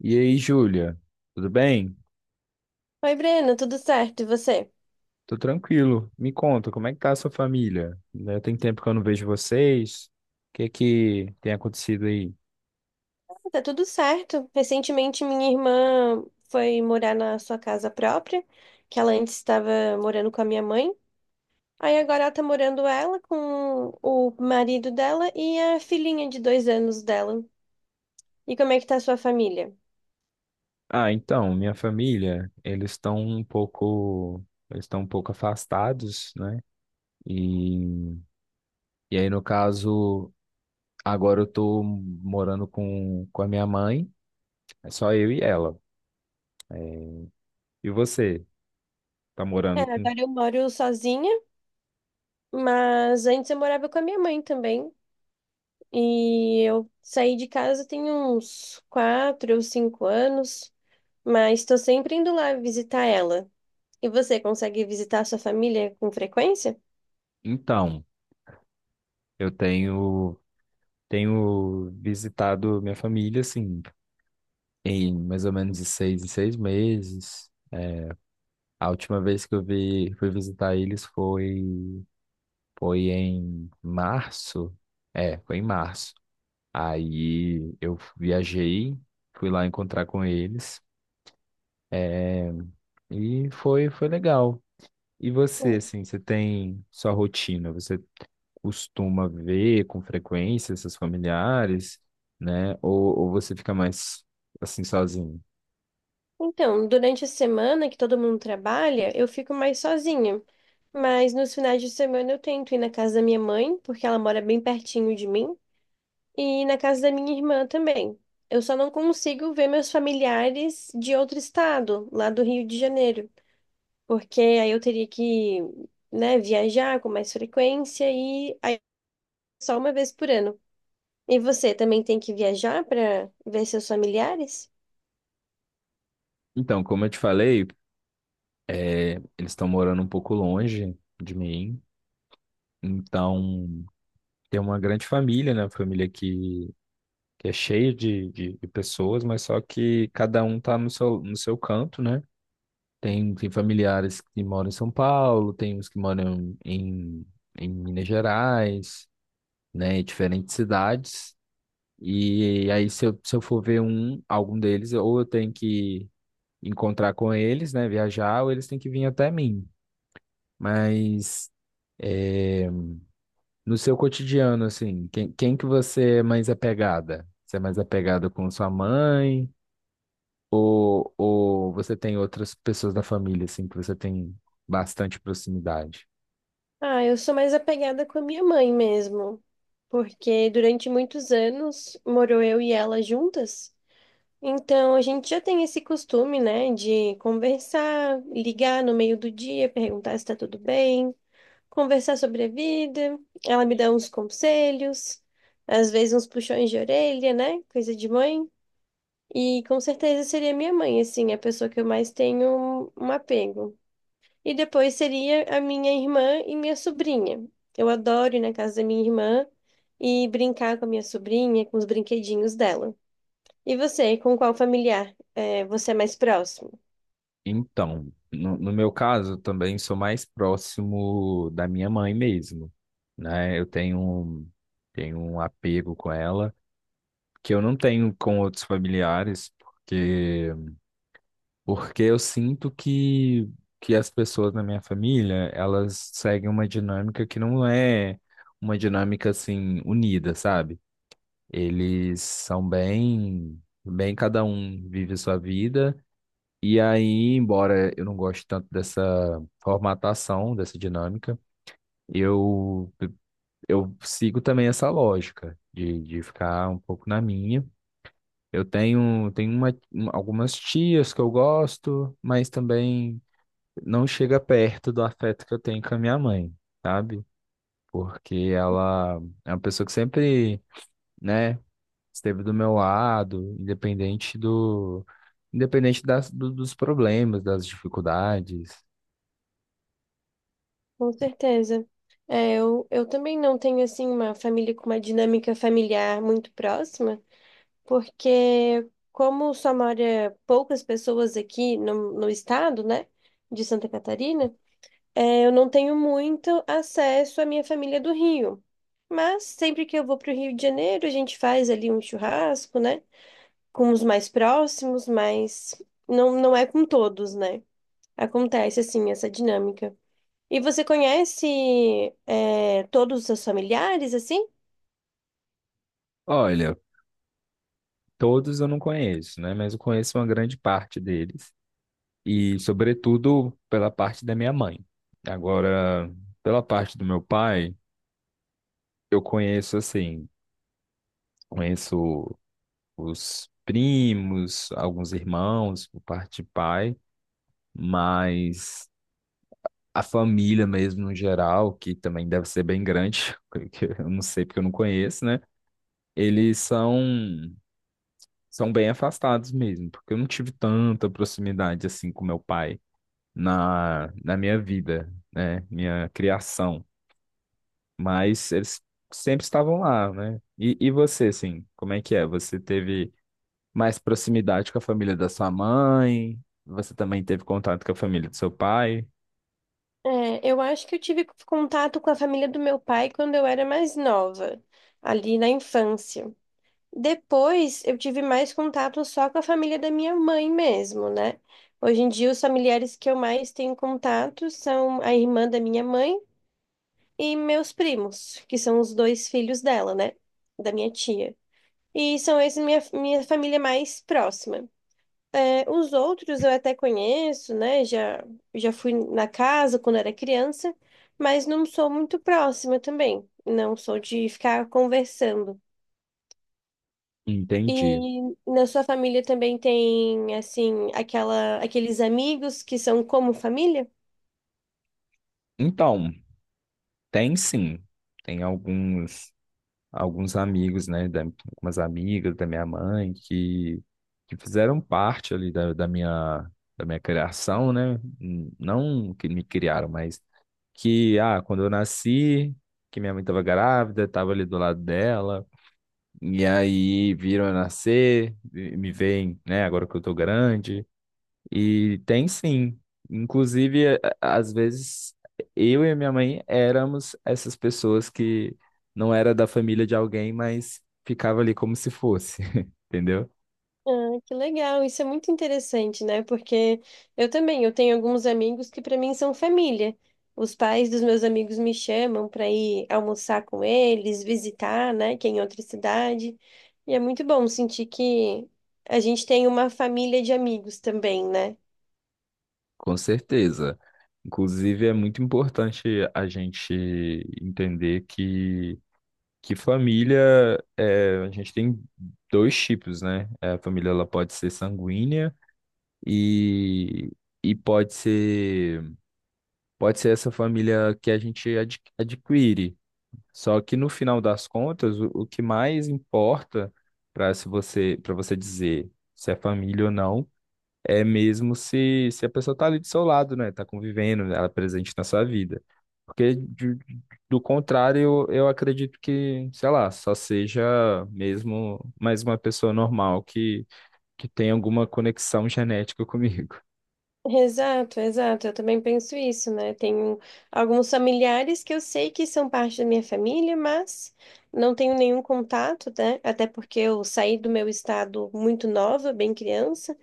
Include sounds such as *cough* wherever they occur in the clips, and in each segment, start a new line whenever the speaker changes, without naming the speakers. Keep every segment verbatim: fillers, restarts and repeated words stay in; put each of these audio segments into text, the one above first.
E aí, Júlia, tudo bem?
Oi, Breno, tudo certo? E você?
Tô tranquilo. Me conta, como é que tá a sua família? Né? Tem tempo que eu não vejo vocês. O que é que tem acontecido aí?
Ah, tá tudo certo. Recentemente, minha irmã foi morar na sua casa própria, que ela antes estava morando com a minha mãe. Aí agora ela tá morando ela com o marido dela e a filhinha de dois anos dela. E como é que tá a sua família?
Ah, então, minha família, eles estão um pouco, eles estão um pouco afastados, né? E, e aí, no caso, agora eu tô morando com, com a minha mãe, é só eu e ela. É, e você, tá
É,
morando com...
agora eu moro sozinha, mas antes eu morava com a minha mãe também. E eu saí de casa tem uns quatro ou cinco anos, mas estou sempre indo lá visitar ela. E você consegue visitar sua família com frequência?
Então, eu tenho tenho visitado minha família, assim, em mais ou menos de seis em seis meses. A última vez que eu vi, fui visitar eles foi, foi em março. É, foi em março. Aí eu viajei, fui lá encontrar com eles e foi, foi legal. E você,
Hum.
assim, você tem sua rotina? Você costuma ver com frequência seus familiares, né? Ou, ou você fica mais assim sozinho?
Então, durante a semana que todo mundo trabalha, eu fico mais sozinha. Mas nos finais de semana eu tento ir na casa da minha mãe, porque ela mora bem pertinho de mim, e na casa da minha irmã também. Eu só não consigo ver meus familiares de outro estado, lá do Rio de Janeiro, porque aí eu teria que, né, viajar com mais frequência e aí é só uma vez por ano. E você também tem que viajar para ver seus familiares?
Então, como eu te falei, eles estão morando um pouco longe de mim. Então, tem uma grande família, né? Uma família que, que é cheia de, de, de pessoas, mas só que cada um tá no seu, no seu canto, né? Tem, tem familiares que moram em São Paulo, tem uns que moram em, em Minas Gerais, né? Em diferentes cidades. E aí, se eu, se eu for ver um, algum deles, ou eu tenho que encontrar com eles, né? Viajar, ou eles têm que vir até mim. Mas. eh, No seu cotidiano, assim, quem, quem que você é mais apegada? Você é mais apegada com sua mãe? Ou, ou você tem outras pessoas da família, assim, que você tem bastante proximidade?
Ah, eu sou mais apegada com a minha mãe mesmo, porque durante muitos anos morou eu e ela juntas, então a gente já tem esse costume, né, de conversar, ligar no meio do dia, perguntar se tá tudo bem, conversar sobre a vida, ela me dá uns conselhos, às vezes uns puxões de orelha, né, coisa de mãe, e com certeza seria minha mãe, assim, a pessoa que eu mais tenho um apego. E depois seria a minha irmã e minha sobrinha. Eu adoro ir na casa da minha irmã e brincar com a minha sobrinha, com os brinquedinhos dela. E você, com qual familiar é, você é mais próximo?
Então, no, no meu caso, também sou mais próximo da minha mãe mesmo, né? Eu tenho, um- tenho um apego com ela, que eu não tenho com outros familiares, porque Porque eu sinto que, que as pessoas na minha família, elas seguem uma dinâmica que não é uma dinâmica assim unida, sabe? Eles são bem, bem cada um vive sua vida. E aí, embora eu não goste tanto dessa formatação, dessa dinâmica, eu eu sigo também essa lógica de, de ficar um pouco na minha. Eu tenho, tenho uma, algumas tias que eu gosto, mas também não chega perto do afeto que eu tenho com a minha mãe, sabe? Porque ela é uma pessoa que sempre, né, esteve do meu lado, independente do, independente das, do- dos problemas, das dificuldades.
Com certeza. É, eu, eu também não tenho, assim, uma família com uma dinâmica familiar muito próxima, porque como só mora poucas pessoas aqui no, no estado, né, de Santa Catarina. É, eu não tenho muito acesso à minha família do Rio, mas sempre que eu vou para o Rio de Janeiro, a gente faz ali um churrasco, né? Com os mais próximos, mas não, não é com todos, né? Acontece assim essa dinâmica. E você conhece, é, todos os seus familiares, assim?
Olha, todos eu não conheço, né? Mas eu conheço uma grande parte deles e, sobretudo, pela parte da minha mãe. Agora, pela parte do meu pai, eu conheço assim, conheço os primos, alguns irmãos por parte de pai, mas a família mesmo no geral, que também deve ser bem grande, *laughs* que eu não sei porque eu não conheço, né? Eles são são bem afastados mesmo, porque eu não tive tanta proximidade assim com meu pai na na minha vida, né? Minha criação, mas eles sempre estavam lá, né? E, e você, assim, como é que é? Você teve mais proximidade com a família da sua mãe. Você também teve contato com a família do seu pai.
É, eu acho que eu tive contato com a família do meu pai quando eu era mais nova, ali na infância. Depois eu tive mais contato só com a família da minha mãe mesmo, né? Hoje em dia, os familiares que eu mais tenho contato são a irmã da minha mãe e meus primos, que são os dois filhos dela, né? Da minha tia. E são esses minha, minha família mais próxima. É, os outros eu até conheço, né? Já, já fui na casa quando era criança, mas não sou muito próxima também. Não sou de ficar conversando.
Entendi.
E na sua família também tem, assim, aquela, aqueles amigos que são como família?
Então, tem sim. Tem alguns alguns amigos, né, da, algumas amigas da minha mãe que, que fizeram parte ali da, da minha da minha criação, né? N- Não que me criaram, mas que ah, quando eu nasci, que minha mãe estava grávida, estava ali do lado dela, e aí viram eu nascer, e me veem, né, agora que eu tô grande. E tem sim. Inclusive, a- a- às vezes, eu e a minha mãe éramos essas pessoas que não era da família de alguém, mas ficava ali como se fosse, *laughs* entendeu?
Ah, que legal, isso é muito interessante, né? Porque eu também, eu tenho alguns amigos que para mim são família. Os pais dos meus amigos me chamam para ir almoçar com eles, visitar, né, que é em outra cidade. E é muito bom sentir que a gente tem uma família de amigos também, né?
Com certeza. Inclusive, é muito importante a gente entender que, que família, é, a gente tem dois tipos, né? A família ela pode ser sanguínea e, e pode ser, pode ser essa família que a gente adqu- adquire. Só que no final das contas, o, o que mais importa para se você, para você dizer se é família ou não, é mesmo se, se a pessoa está ali do seu lado, né? Está convivendo, ela é presente na sua vida. Porque de- do contrário, eu, eu acredito que, sei lá, só seja mesmo mais uma pessoa normal que, que tem alguma conexão genética comigo.
Exato, exato. Eu também penso isso, né? Tenho alguns familiares que eu sei que são parte da minha família, mas não tenho nenhum contato, né? Até porque eu saí do meu estado muito nova, bem criança.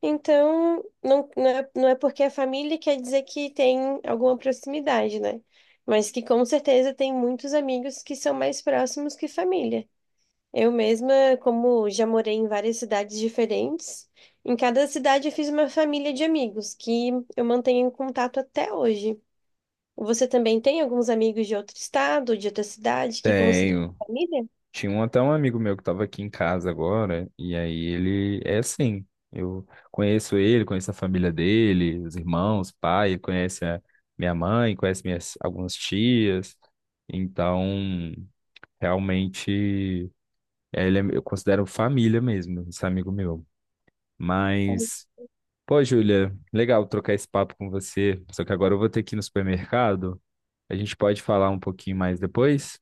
Então, não, não é, não é porque é família quer dizer que tem alguma proximidade, né? Mas que com certeza tem muitos amigos que são mais próximos que família. Eu mesma, como já morei em várias cidades diferentes, em cada cidade eu fiz uma família de amigos que eu mantenho em contato até hoje. Você também tem alguns amigos de outro estado, de outra cidade, que considera
Tenho.
família?
Tinha um, até um amigo meu que estava aqui em casa agora, e aí ele é assim. Eu conheço ele, conheço a família dele, os irmãos, pai, ele conhece a minha mãe, conhece minhas algumas tias. Então, realmente, é, ele é, eu considero família mesmo, esse amigo meu.
Ah,
Mas, pô, Júlia, legal trocar esse papo com você. Só que agora eu vou ter que ir no supermercado. A gente pode falar um pouquinho mais depois?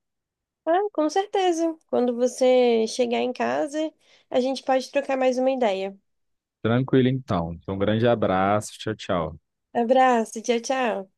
ah, com certeza. Quando você chegar em casa, a gente pode trocar mais uma ideia.
Tranquilo, então. Então, um grande abraço. Tchau, tchau.
Abraço, tchau, tchau.